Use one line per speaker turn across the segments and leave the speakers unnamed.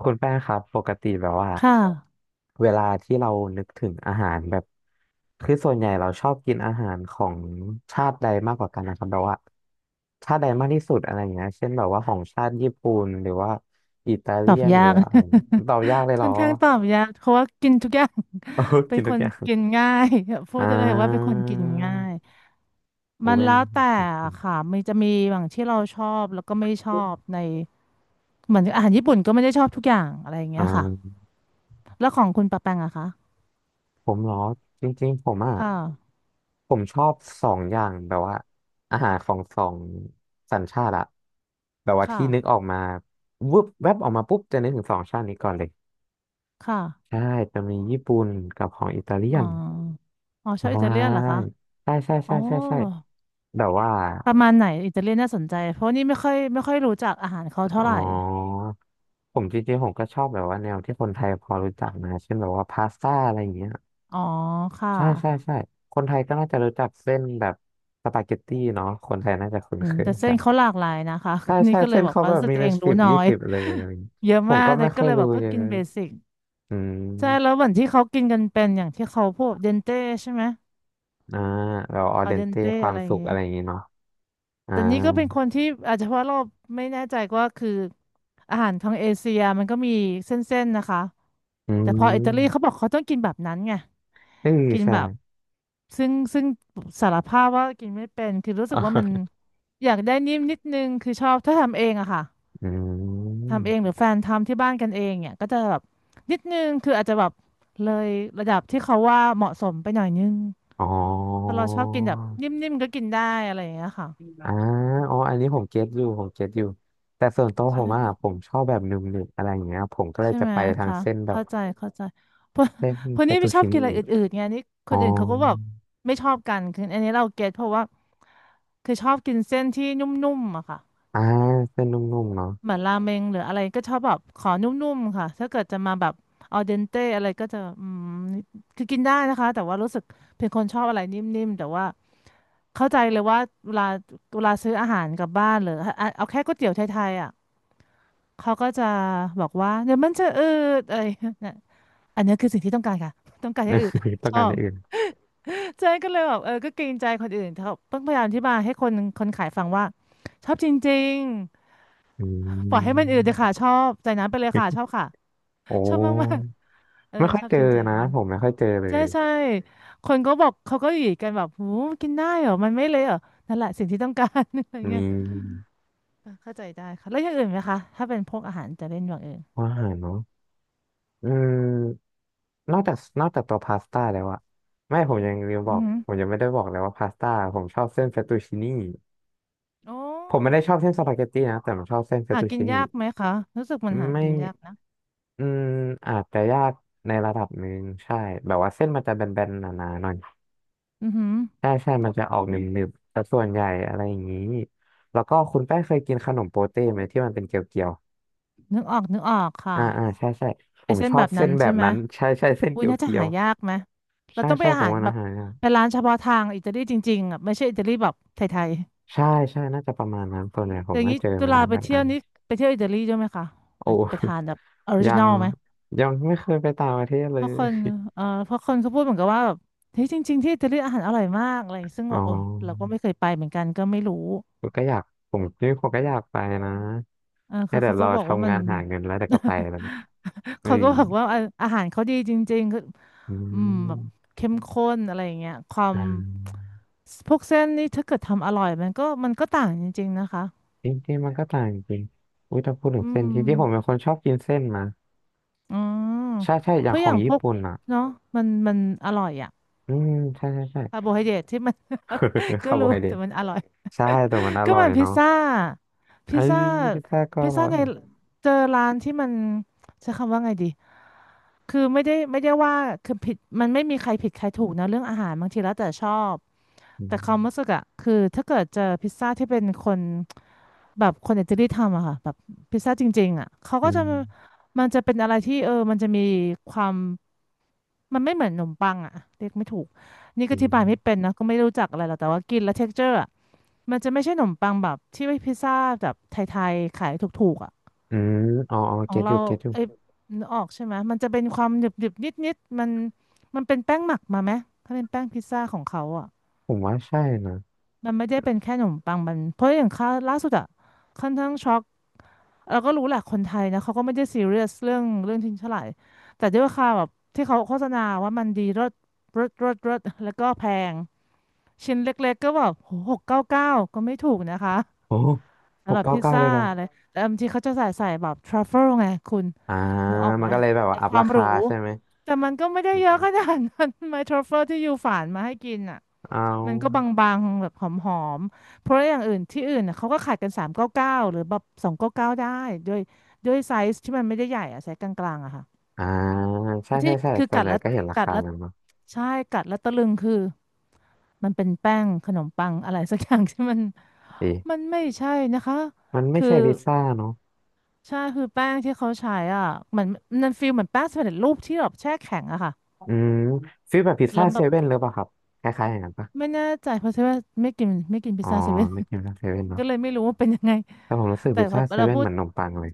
คุณแป้งครับปกติแบบว่า
ค่ะ
เวลาที่เรานึกถึงอาหารแบบคือส่วนใหญ่เราชอบกินอาหารของชาติใดมากกว่ากันนะครับแบบว่าชาติใดมากที่สุดอะไรอย่างเงี้ยเช่นแบบว่าของชาติญี่ปุ่นหรือว่าอิตา
ต
เลี
อบ
ยน
ยา
หรือ
ก
ว่าอะไรอย่างเงี้ยตอบยากเล ยเห
ค่
ร
อ
อ
นข้างตอบยากเพราะว่ากินทุกอย่าง
โอ้
เป็น
กิน
ค
ทุก
น
อย่าง
กินง่าย พู
อ่
ดได้เลยว่าเป็นค
า
นกินง่าย
อู
มัน
เวน
แล้วแต่ค่ะมันจะมีบางที่เราชอบแล้วก็ไม่ชอบในเหมือนอาหารญี่ปุ่นก็ไม่ได้ชอบทุกอย่างอะไรอย่าง
อ่
เงี้ยค่ะ
า
แล้วของคุณปะแปงอะคะ
ผมเหรอจริงๆผมอ่ะ
ค่ะ
ผมชอบสองอย่างแบบว่าอาหารของสองสัญชาติอะแบบว่า
ค่ะ
ที่นึกออกมาวึบแวบออกมาปุ๊บจะนึกถึงสองชาตินี้ก่อนเลย
ค่ะ
ใช่จะมีญี่ปุ่นกับของอิตาเลีย
อ๋อ
น
อ๋อชอบ
ใช
อิตาเลียนเหรอคะ
่ใช่ใช่
อ๋อ
ใช่ใช่ใช่แบบว่า
ประมาณไหนอิตาเลียนน่าสนใจเพราะนี่ไม่ค่อยรู้จักอาหารเขา
อ๋
เท่า
อ
ไหร่
ผมจริงๆผมก็ชอบแบบว่าแนวที่คนไทยพอรู้จักนะเช่นแบบว่าพาสต้าอะไรอย่างเงี้ย
อ๋อค่ะ
ใช่ใช่ใช่คนไทยก็น่าจะรู้จักเส้นแบบสปาเกตตี้เนาะคนไทยน่าจะคุ้น
อื
เค
ม
ย
แต่เส้
กั
น
น
เขาหลากหลายนะคะ
ใช่
นี่
ใช่
ก็เล
เส้
ย
น
บอก
เขา
ว่า
แบบ
รู้สึก
มี
ตัว
เป็
เอ
น
ง
สิ
รู้
บ
น้อ
ยี่
ย
สิบเลยอะไรอย่างงี้
เยอะ
ผม
มาก
ก็
แต่
ไม่
ก็
ค่อย
เลยแบ
รู้
บก็
เยอะ
กินเบสิก
อื
ใช่แล้ว
ม
เหมือนที่เขากินกันเป็นอย่างที่เขาพวกเดนเต้ใช่ไหม
อ่าเราออ
อา
เด
เด
น
น
เต้
เต้
ควา
อะ
ม
ไรอย่า
สุ
ง
ข
งี้
อะไรอย่างงี้เนาะอ่า
แต่นี่ก็เป็นคนที่อาจจะเพราะเราไม่แน่ใจว่าคืออาหารทางเอเชียมันก็มีเส้นๆนะคะ
อื
แต่พออิตาลี
ม
เขาบอกเขาต้องกินแบบนั้นไง
เออ
กิน
ใช่
แบบซึ่งสารภาพว่ากินไม่เป็นคือรู้ สึกว่ามัน
อ่า
อยากได้นิ่มนิดนึงคือชอบถ้าทำเองอะค่ะ
อื
ทำเองหรื
ม
อแฟนทำที่บ้านกันเองเนี่ยก็จะแบบนิดนึงคืออาจจะแบบเลยระดับที่เขาว่าเหมาะสมไปหน่อยนึง
อ๋อ
เพราะเราชอบกินแบบนิ่มๆก็กินได้อะไรอย่างเงี้ยค่ะ
อ่าอ๋ออันนี้ผมเก็ตอยู่ผมเก็ตอยู่แต่ส่วนตัวผ
ใช่
มอ่ะผ
ค่ะ
มชอบแบบหนึบหนึบอะไรอย่างเงี้ยผมก็เลย
ใช่
จะ
ไหม
ไปทาง
คะ
เส้นแบบ
เข้าใจเข้าใจเพราะ
เส้นเฟ
นี่
ตตู
ไม่ชอ
ชิ
บกิน
นี
อะไรอื่นๆไงนี่ค
อ๋อ
นอื่นเขาก็แบบไม่ชอบกันคืออันนี้เราเก็ตเพราะว่าคือชอบกินเส้นที่นุ่มๆอะค่ะ
อ่าเส้นนุ่มๆเนาะ
เหมือนราเมงหรืออะไรก็ชอบแบบขอนุ่มๆค่ะถ้าเกิดจะมาแบบออเดนเตอะไรก็จะอืมคือกินได้นะคะแต่ว่ารู้สึกเป็นคนชอบอะไรนิ่มๆแต่ว่าเข้าใจเลยว่าเวลาเวลาซื้ออาหารกลับบ้านหรือเอาแค่ก๋วยเตี๋ยวไทยๆอ่ะเขาก็จะบอกว่าเดี๋ยวมันจะอืดอะไรเนี่ยอันนี้คือสิ่งที่ต้องการค่ะ ต้องการให้อืด
ต้ อ
ช
ง
อ
การอ
บ
ย่างอื่น
ใจ๊ก็เลยแบบเออก็เกรงใจคนอื่นเขาต้องพยายามอธิบายให้คนคนขายฟังว่าชอบจริง
อื
ๆปล่อยให้มันอืดเลยค่ะ
ม
ชอบใจน้ำไปเลยค่ะชอบค่ะ
โอ้
ชอบมากๆเออ
ไม่ค่อ
ช
ย
อบ
เจอ
จริง
นะผมไม่ค่อยเจอเล
ๆ ใช่
ย
ใช่คนก็บอกเขาก็อยู่กันแบบหูกินได้เหรอมันไม่เละเหรอนั่นแหละสิ่งที่ต้องการ อะไร
นี
เงี้ย
่
เออเข้าใจได้ค่ะแล้วอย่างอื่นไหมคะ ถ้าเป็นพวกอาหารจะเล่นอย่างอื่น
ว่าอาหารเนาะอืมนอกจากนอกจากตัวพาสต้าแล้วอะไม่ผมยังลืม
อื
บอ
อ
ก
หือ
ผมยังไม่ได้บอกเลยว่าพาสต้าผมชอบเส้นเฟตตูชินี่
โอ้
ผมไม่ได้ชอบเส้นสปาเกตตี้นะแต่ผมชอบเส้นเฟต
หา
ตู
กิน
ชินี่
ยากไหมคะรู้สึกมันหา
ไม่
กินยากนะ
อืมอาจจะยากในระดับหนึ่งใช่แบบว่าเส้นมันจะแบนๆหนาๆหน่อย
อือหือ
ใช่ใช่มันจะออกหนึบๆแต่ส่วนใหญ่อะไรอย่างนี้แล้วก็คุณแป้งเคยกินขนมโปเต้ไหมที่มันเป็นเกลียว
นึกออกนึกออกค่ะ
ใช่ใช่ผ
ไอ
ม
เส้น
ชอ
แบ
บ
บนั้
เส้น
น
แบ
ใช่
บ
ไหม
นั้นใช่ใช่เส้น
อุ้ย
เกียว
น่าจะ
เกียว
หายากไหมเรา
ใช่
ต้องไป
ใช่
อา
ผม
หาร
ว่า
แบ
นะ
บ
ฮะ
ไปร้านเฉพาะทางอิตาลีจริงๆอ่ะไม่ใช่อิตาลีแบบไทย
ใช่ใช่น่าจะประมาณนั้นส่วเนีหยผ
อ
ม
ย่าง
ก็
นี้
เจอ
จุ
มา
ฬา
ร้าน
ไป
แบบ
เที่ย
นั้
ว
น
นี่ไปเที่ยวอิตาลีด้วยไหมคะ
โอ้
ไปไปทานแบบออริ
ยั
จินอ
ง
ลไหม
ยังไม่เคยไปต่างประเทศเล
เพราะคน
ย
เพราะคนเขาพูดเหมือนกับว่าแบบเฮ้ยจริงๆที่อิตาลีอาหารอร่อยมากอะไรอย่างงี้ซึ่ง
อ๋
แบ
อ
บโอ้ยเราก็ไม่เคยไปเหมือนกันก็ไม่รู้
ผมก็อยากผมนี่ผมก็อยากไปนะ
เออ
แต่
เขา
เดี๋ย
เขา
ว
ก็
เรา
บอกว่า
ทำ
มั
งา
น
นหาเงินแล้วเดี๋ยวก็ไป แล้วเนี่ยเออ
เขาก็บอกว่าอาหารเขาดีจริงๆคือ
อื
อืมแบบ
ม
เข้มข้นอะไรอย่างเงี้ยความ
อ่า
พวกเส้นนี่ถ้าเกิดทำอร่อยมันก็ต่างจริงๆนะคะ
จริงๆมันก็ต่างจริงอุ้ยถ้าพูดถึ
อื
งเส้น
ม
จริงๆผมเป็นคนชอบกินเส้นนะ
อืม
ใช่ใช่อ
เพ
ย่าง
ราะ
ข
อ
อ
ย่า
ง
งพ
ญี่
วก
ปุ่นอ่ะ
เนาะมันอร่อยอะ
อืมใช่ใช่
คาร์
ใช่
โบไฮเดรตที่มัน ก็
คาร์โบ
รู้
ไฮเดร
แต่มันอร่อย
ใช่แต่มันอ
ก็
ร่อย
มันพิซ
เนาะ
ซ่า
ไอ้
พิซ
ย
ซ่า
พิซซ่าก็
พิ
อ
ซ
ร่
ซ่า
อ
ใน
ย
เจอร้านที่มันใช้คำว่าไงดีคือไม่ได้ว่าคือผิดมันไม่มีใครผิดใครถูกนะเรื่องอาหารบางทีแล้วแต่ชอบ
อืม
แต่ความรู้สึกอะคือถ้าเกิดเจอพิซซ่าที่เป็นคนแบบคนอิตาลีทำอะค่ะแบบพิซซ่าจริงๆอะเขา
อื
ก็จะ
ม
มันจะเป็นอะไรที่เออมันจะมีความ มันไม่เหมือนขนมปังอ่ะเรียกไม่ถูกนี่
อื
ก็อธิ
ม
บายไม่เป็นนะก็ไม่รู้จักอะไรหรอกแต่ว่ากินแล้วเท็กเจอร์อะมันจะไม่ใช่ขนมปังแบบที่ไว้พิซซ่าแบบไทยๆขายถูกๆอ่ะ
อืมอ๋ออ๋อ
ขอ
เก็
ง
ตอ
เรา
ยู่เก็ตอยู่
ไอ้ยนึกออกใช่ไหมมันจะเป็นความหนึบๆนิดๆมันมันเป็นแป้งหมักมาไหมถ้าเป็นแป้งพิซซ่าของเขาอ่ะ
ผมว่าใช่นะ
มันไม่ได้เป็นแค่ขนมปังมันเพราะอย่างค่าล่าสุดอะค่อนข้างช็อกเราก็รู้แหละคนไทยนะเขาก็ไม่ได้ซีเรียสเรื่องทิ้งเท่าไหร่แต่ด้วยราคาแบบที่เขาโฆษณาว่ามันดีรสแล้วก็แพงชิ้นเล็กๆก็แบบ699ก็ไม่ถูกนะคะ
โอ้ห
สำ
ก
หรับ
เก้า
พิซ
เก้าเล
ซ่า
ยเหรอ
อะไรแต่บางทีเขาจะใส่แบบทรัฟเฟิลไงคุณ
อ่า
นึกออก
มั
ไหม
นก็เลยแบบว่า
ไอ
อั
ค
พ
วา
รา
มห
คา
รู
ใช่ไหม
แต่มันก็ไม่ได้
อื
เยอะ
ม
ขนาดนั้น ไมทรัฟเฟิลที่อยู่ฝานมาให้กินอะ
เอ
มันก็บ
า
างๆแบบหอมๆ เพราะอย่างอื่นที่อื่นน่ะเขาก็ขายกัน399หรือแบบ299ได้ด้วยด้วยไซส์ที่มันไม่ได้ใหญ่อะไซส์กลางๆอะค่ะ
อ่าใช่
แต่ที่
ใช่ใช่
คือ
ส่ว
กั
น
ด
ใหญ่
แล้ว
ก็เห็นรา
กัด
คา
แล้ว
นั้นเนาะ
ใช่กัดแล้วตะลึงคือมันเป็นแป้งขนมปังอะไรสักอย่างที่มัน
ดี
มันไม่ใช่นะคะ
มันไม่
คือ
ใช่พิซซ่าเนาะ
ใช่คือแป้งที่เขาใช้อ่ะเหมันมันฟีลเหมือนแป้งสำเร็จรูปที่แบบแช่แข็งอะค่ะ
อืมฟีลแบบพิซ
แล้
ซ่า
วแบ
เซ
บ
เว่นหรือเปล่าครับคล้ายๆอย่างนั้นปะ
ไม่แน่ใจเพราะว่าไม่กินไม่กินพิ
อ๋
ซ
อ
ซ่าเซเว่น
ไม่กินพิซซ่าเซเว่นเนาะ
ก็เลยไม่รู้ว่าเป็นยังไง
แต่ผมรู้สึก
แต่
พิซ
พอ
ซ่าเซ
เรา
เว่น
พู
เห
ด
มือนนมปังเลย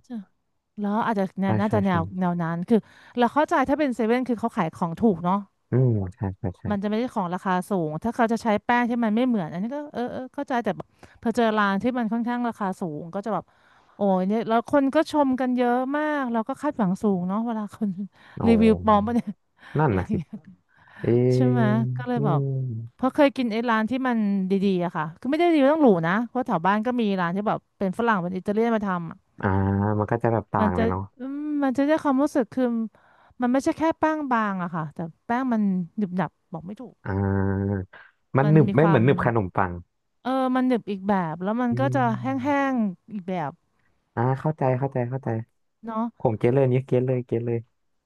แล้วอาจจะเนี่
ใช่
ยน่า
ใช่
จะแน
ใช่
วแนวนั้นคือเราเข้าใจถ้าเป็นเซเว่นคือเขาขายของถูกเนาะ
อืมใช่ใช่
มันจะ
ใช่
ไม่ได้ของราคาสูงถ้าเขาจะใช้แป้งที่มันไม่เหมือนอันนี้ก็เออเออเข้าใจแต่แบบพอเจอร้านที่มันค่อนข้างราคาสูงก็จะแบบโอ้ยเนี่ยแล้วคนก็ชมกันเยอะมากเราก็คาดหวังสูงเนาะเวลาคน
อ๋อ
รีวิวปลอมปะเนี่ย
นั่น
อะไร
นะ
อย่า
สิ
งเงี้ย
เอ
ใช่ไหม
อ
ก็เล
อื
ยแบบ
ม
เพราะเคยกินไอ้ร้านที่มันดีๆอะค่ะคือไม่ได้ดีต้องหรูนะเพราะแถวบ้านก็มีร้านที่แบบเป็นฝรั่งเป็นอิตาเลียนมาทำอะ
อ่ามันก็จะแบบต่า
มัน
งเล
จะ
ยเนาะ
อืมมันจะได้ความรู้สึกคือมันไม่ใช่แค่แป้งบางอะค่ะแต่แป้งมันหนึบหนับบอกไม่ถูก
อ่ามัน
มัน
หนึบ
มีค
ไม่เห
วา
มือ
ม
นหนึบขนมปัง
เออมันหนึบอีกแบบแล้วมัน
อื
ก็จะแห้
ม
งๆอีกแบบ
เข้าใจเข้าใจเข้าใจ
เนาะ
ผมเก็ตเลยเนี่ยเก็ตเลยเก็ตเลย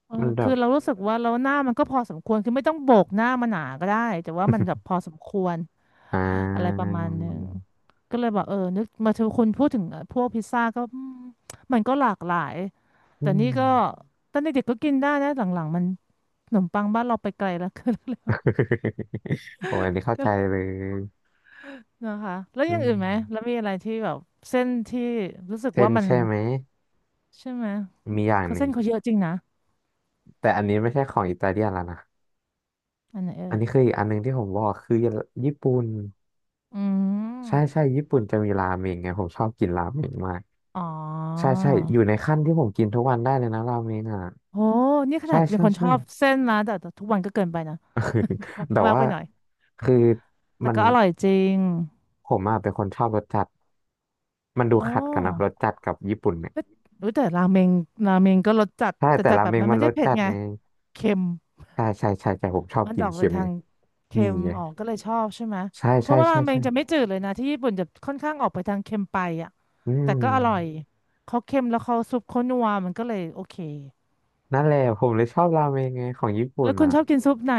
เออ
มันแบ
คือ
บ
เรารู้สึกว่าเราหน้ามันก็พอสมควรคือไม่ต้องโบกหน้ามันหนาก็ได้แต่ว่ามันแบบ พอสมควร
อ่
อะไรประ
า
มาณหนึ่งก็เลยบอกเออนึกมาเจอคนพูดถึงพวกพิซซ่าก็อืมมันก็หลากหลาย
อื
แต่นี่
ม
ก็ตอนเด็กๆก็กินได้นะหลังๆมันขนมปังบ้านเราไปไกลแล้ว ก็เลย
โอ้อันนี้เข้า
ก็
ใจเลย
นะคะแล้ว
อื
อย่าง
ม
อื่นไหมแล้วมีอะไรที่แบบเส้นที่รู้สึก
เส้
ว่า
น
มัน
ใช่ไหม
ใช่ไหม
มีอย่าง
เขา
หนึ่
เส้
ง
นเขาเยอะจริงนะ
แต่อันนี้ไม่ใช่ของอิตาเลียนแล้วนะ
อันไหนเอ่
อัน
ย
นี้คืออีกอันหนึ่งที่ผมบอกคือญี่ปุ่น
อื
ใช่
ม
ใช่ญี่ปุ่นจะมีราเมงไงผมชอบกินราเมงมาก
อ๋อ
ใช่ใช่อยู่ในขั้นที่ผมกินทุกวันได้เลยนะราเมงอ่ะ
โอ้นี่ข
ใช่
นาดเป็น
ใช่
คนช
ใช่
อบเส้นนะแต่แต่ทุกวันก็เกินไปนะ
แต่
ก็มาก
ว่า
ไปหน่อย
คือ
แต่
มัน
ก็อร่อยจริง
ผมอ่ะเป็นคนชอบรสจัดมันดู
โอ
ขัดกันนะร
้
สจัดกับญี่ปุ่นเนี่ย
รู้แต่ราเมงราเมงก็รสจัด
ใช่
แต่
แต่
จัด
รา
แบ
เม
บ
ง
มัน
มั
ไม่
นร
ได้
ส
เผ็ด
จัด
ไง
ไง
เค็ม
ใช่ใช่ใช่ใช่ผมชอบ
มัน
กิ
จะ
น
ออก
เค็
เป็น
ม
ทา
ไง
ง
นี่
เค็ม
ไง
ออกก็เลยชอบใช่ไหม
ใช่
เพ
ใช่
ราะว่ารา
ใช่
เมง
ใช่
จะไม่จืดเลยนะที่ญี่ปุ่นจะค่อนข้างออกไปทางเค็มไปอ่ะ
อื
แต่
ม
ก็อร่อยเขาเค็มแล้วเขาซุปเขานัวมันก็เลยโอเค
นั่นแหละผมเลยชอบราเมงไงของญี่ปุ่
แล้
น
วคุณ
อ่ะ
ชอบกินซุปไหน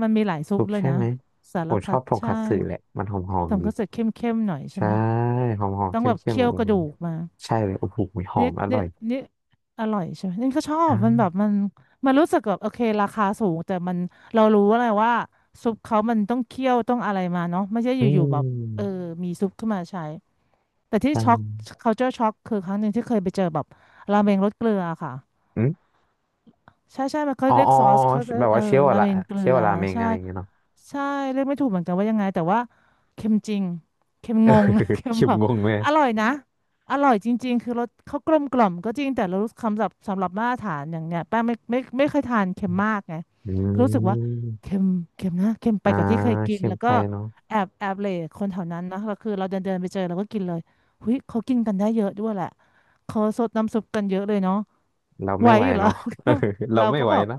มันมีหลายซุ
ซุ
ป
ป
เลย
ใช่
นะ
ไหม
สา
ผ
ร
มช
พั
อ
ด
บทง
ใช่
คัตสึแหละมันหอมๆ
ทำ
ดี
ข้าวเสร็จเข้มๆหน่อยใช่
ใช่
ไหม
หอมหอม
ต้อง
เข้ม
แบบ
เข้ม
เคี่ยว
อื
กระ
ม
ดูกมา
ใช่เลยโอ้โหหอ
นี่
มอร่
นี่
อย
นี่อร่อยใช่ไหมนี่ก็ชอบมันแบ
อ่า
บมันมันรู้สึกแบบโอเคราคาสูงแต่มันเรารู้อะไรว่าซุปเขามันต้องเคี่ยวต้องอะไรมาเนาะไม่ใช่
อื
อยู่ๆแบบเออ
ม
มีซุปขึ้นมาใช้แต่ที่
อื
ช็อก culture shock คือครั้งหนึ่งที่เคยไปเจอแบบราเมงรสเกลือค่ะ
อืม
ใช่ใช่มันเขา
อ๋อ
เรียก
อ๋อ
ซอ
อ๋อ
สเขาจะ
แบบ
เอ
ว่า
อ
เชลล์อะ
รา
ละ
เมงเกลื
เชลล์
อ
ราเมง
ใช่
อะไรอย่างเงี้ยเนาะ
ใช่เรียกไม่ถูกเหมือนกันว่ายังไงแต่ว่าเค็มจริงเค็มงง เค็ม
คิม
แบบ
งงเลย
อร่อยนะอร่อยจริงๆคือรสเขากลมกล่อมก็จริงแต่เรารู้สึกคำศัพท์สำหรับมาตรฐานอย่างเนี้ยแป้งไม่ไม่ไม่เคยทานเค็มมากไง
อื
รู้สึกว่าเค็
ม
มเค็มนะเค็มไป
อ่า
กว่าที่เคยกิน
เค็ม
แล้ว
ไป
ก็
เนาะ
แอบแอบเหลคนแถวนั้นนะเราคือเราเดินเดินไปเจอเราก็กินเลยหุยเขากินกันได้เยอะด้วยแหละเขาซดน้ำซุปกันเยอะเลยเนาะ
เรา
ไหว
ไม่ไหว
อยู่เหรอ
เนาะ เรา
เรา
ไม่
ก็
ไหว
แบบ
นะ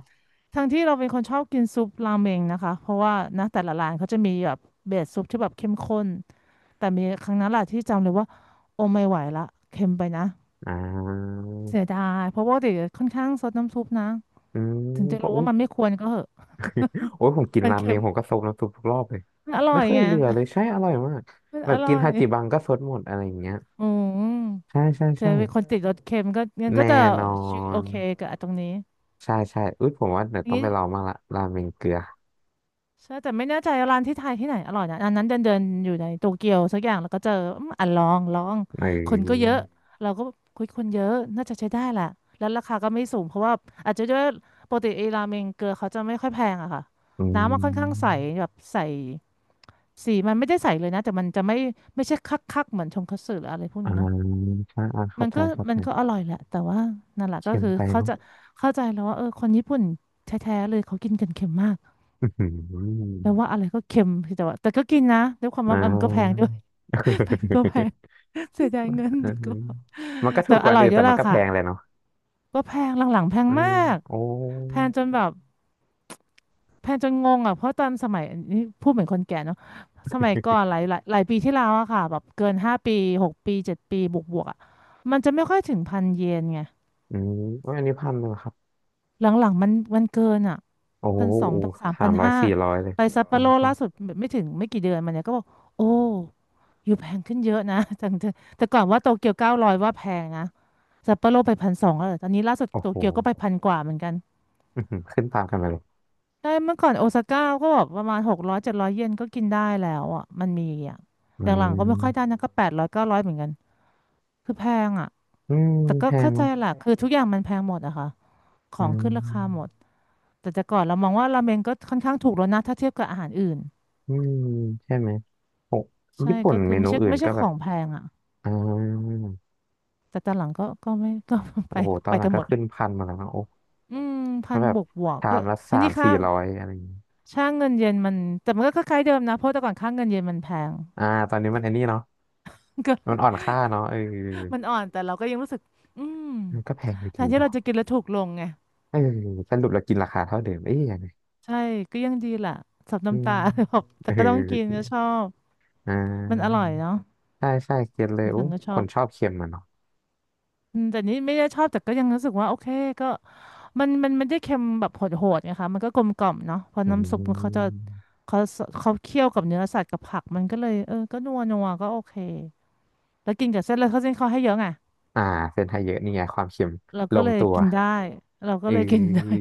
ทั้งที่เราเป็นคนชอบกินซุปราเมงนะคะ เพราะว่านะแต่ละร้านเขาจะมีแบบเบสซุปที่แบบเข้มข้น แต่มีครั้งนั้นแหละที่จำเลยว่าโอ้ไม่ไหวละเค็มไปนะ
อ่า
เสียดายเพราะว่าเด็กค่อนข้างซดน้ำซุปนะ
อืม
ถึงจะ
เพ
รู้
ราะอุ้
ว่า
ย
มันไม่ควรก็เหอะ
โอ้ยผมกิน
มัน
ราเม
เค็ม
งผมก็ซดน้ำซุปทุกรอบเลย
มันอร่
ไม่
อย
เคย
ไง
เหลือเลยใช่อร่อยมาก
มัน
แบ
อ
บ
ร่
กิ
อ
น
ย
ฮาจิบังก็ซดหมดอะไรอย่างเงี้ย
อืม
ใช่ใช่
จะ
ใช่
เป็นคนติดรสเค็มก็งั้นก็จะ
แน่นอ
โอ
น
เคกับตรงนี้
ใช่ใช่อุ้ยผมว่าเดี๋ย
อ
ว
ย่า
ต้
ง
อง
นี้
ไปลองมางละราเมงเกลือ
ใช่แต่ไม่แน่ใจร้านที่ไทยที่ไหนอร่อยนะอันนั้นเดินเดินอยู่ในโตเกียวสักอย่างแล้วก็เจออืมอ่ะลอง
เ
คนก็เย
ออ
อะเราก็คุยคนเยอะน่าจะใช้ได้แหละแล้วราคาก็ไม่สูงเพราะว่าอาจจะด้วยปกติไอ้ราเมงเกลือเขาจะไม่ค่อยแพงอะค่ะ
อื
น้ำมันค่อนข้างใส
ม
แบบใสสีมันไม่ได้ใสเลยนะแต่มันจะไม่ไม่ใช่คักคักเหมือนชงคัตสึหรืออะไรพวก
อ่า
นี้เนาะ
ใช่าเข้า
มัน
ใจ
ก็
เข้า
มั
ใจ
นก็อร่อยแหละแต่ว่านั่นแหละก็
เค็ม
คือ
ไป
เขา
เนาะ
จะเข้าใจแล้วว่าเออคนญี่ปุ่นแท้ๆเลยเขากินกันเค็มมาก
อือหือ
แล้วว่าอะไรก็เค็มแต่ว่าแต่ก็กินนะด้วยความ
อ่
ว่ามันก็แพงด้ว
า
ย แพงก็แพง เสียดายเงิน
อื
แต่ก็
ม
แบบ
มันก็ถู
แต่
กก
อ
ว่าอัน
ร่อย
อื่น
เย
แต่
อะ
มั
ละ
นก็แพ
ค่ะ
งเลยเนาะ
ก็แพงหลังๆแพง
อื
มา
ม
ก
โอ้
แพงจนแบบแพงจนงงอ่ะเพราะตอนสมัยอันนี้พูดเหมือนคนแก่เนาะสมัยก่อนหลายปีที่แล้วอะค่ะแบบเกินห้าปีหกปีเจ็ดปีบวกๆอะมันจะไม่ค่อยถึงพันเยนไง
อืมโอ้ยอันนี้พันหนึ่งเหรอครับ
หลังๆมันเกินอ่ะ
โอ้โห
พันสองพันสาม
สา
พัน
มร้อย
ห้า
สี่ร้อยเลย
ไปซัปโป
อืม
โร
ก็
ล่าสุดไม่กี่เดือนมาเนี่ยก็บอกโอ้อยู่แพงขึ้นเยอะนะ จังแต่แต่ก่อนว่าโตเกียวเก้าร้อยว่าแพงนะซัปโปโรไปพันสองแล้วเหรอตอนนี้ล่าสุด
โอ้
โต
โห
เกียวก็ไปพันกว่าเหมือนกัน
อื้อหือขึ้นตามกันไปเลย
ใช่เมื่อก่อนโอซาก้าก็แบบประมาณหกร้อยเจ็ดร้อยเยนก็กินได้แล้วอ่ะมันมีอ่ะ
อื
หลังๆก็ไม่ค่อยได้
ม
นะก็แปดร้อยเก้าร้อยเหมือนกันคือแพงอ่ะ
อืม
แต่ก็
แพง
เข้าใจ
เนาะ
แหละคือทุกอย่างมันแพงหมดอะค่ะขอ
อื
ง
ม
ขึ้นราคาหมด แต่แต่ก่อนเรามองว่าราเมงก็ค่อนข้างถูกแล้วนะถ้าเทียบกับอาหารอื่น
อืมใช่ไหมโอ้
ใช่
ญี่ปุ่น
ก็คือ
เมนู
ไม่ใช่
อื่น
ไม่ใช่
ก็
ข
แบบ
องแพงอ่ะ
อ่า
แต่ตอนหลังก็ก็ไม่ก็ ไป
โอ้โหตอ
ไป
นหลั
กั
ง
นห
ก็
มด
ขึ้นพันมาแล้วนะโอ้
อืมพั
ก็
น
แบ
บ
บ
วกบวก
ชา
ก็
มละ
ที
สาม
นี้ค่า
สี่ร้อยอะไรอย่างงี้
ช่างเงินเยนมันแต่มันก็คล้ายๆเดิมนะเพราะแต่ก่อนค่าเงินเยนมันแพง
อ่าตอนนี้มันไอ้นี่เนาะ
ก็
มันอ่อนค่าเนาะเออ
มันอ่อนแต่เราก็ยังรู้สึกอืม
มันก็แพงอยู่
แท
ดี
นที่เรา
เนาะ
จะกินแล้วถูกลงไง
เออสรุปเรากินราคาเท่าเดิมเอ๊ยยังไง
ใช่ก็ยังดีแหละสับ
อื
น้ำ
ม
ตา แบบ
เอ
แต่ก็ต้องกิน
อ
ก็ชอบ
อ่
มันอร่
า
อยเนาะ
ใช่ใช่เก็ตเลยโอ้
ฉันก็ช
ค
อ
น
บ
ชอบเค็มอะเนาะ
อืมแต่นี่ไม่ได้ชอบแต่ก็ยังรู้สึกว่าโอเคก็มันไม่ได้เค็มแบบโหดๆไงคะมันก็กลมกล่อมเนาะเพราะ
อื
น้ำซุปมันเขาจะ
ม
เขาเขาเคี่ยวกับเนื้อสัตว์กับผักมันก็เลยเออก็นัวนัวก็โอเคแล้วกินกับเส้นเลยเขาเส้นเขาให้เยอะไง
อ่าเส้นไทยเยอะนี่ไงความเค็ม
เรา
ล
ก็
ง
เลย
ตัว
กินได้เราก็
เอ
เลยกินได้
้ย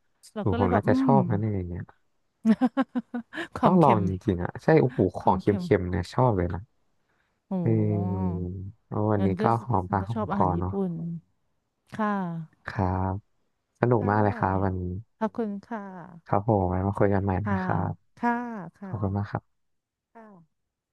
เรา
โอ้
ก็
โหผ
เล
ม
ยแบ
น่า
บ
จะ
อื
ชอ
ม
บนะเนี่ยอย่างเงี้ย
ค
ต้
วา
อง
ม
ลอ
เค็
ง
ม
จริงๆอ่ะใช่โอ้โหข
ค
อ
วา
ง
มเค็ม
เค็มๆเนี่ยชอบเลยนะ
โอ้
เออโอ้วัน
งั้
นี้
นก็
ก็หอมปาก
ก็
หอ
ช
ม
อบ
ค
อา
อ
หารญี่
เนาะ
ปุ่นค่ะ
ครับสนุก
ค่ะ
มากเลยครับวันนี้
ขอบคุณค่ะ
ครับผมไว้มาคุยกันใหม่นะ
ค่ะ
ครับ
ค่ะ
ขอ
ค่ะ
บคุณมากครับ
ค่ะ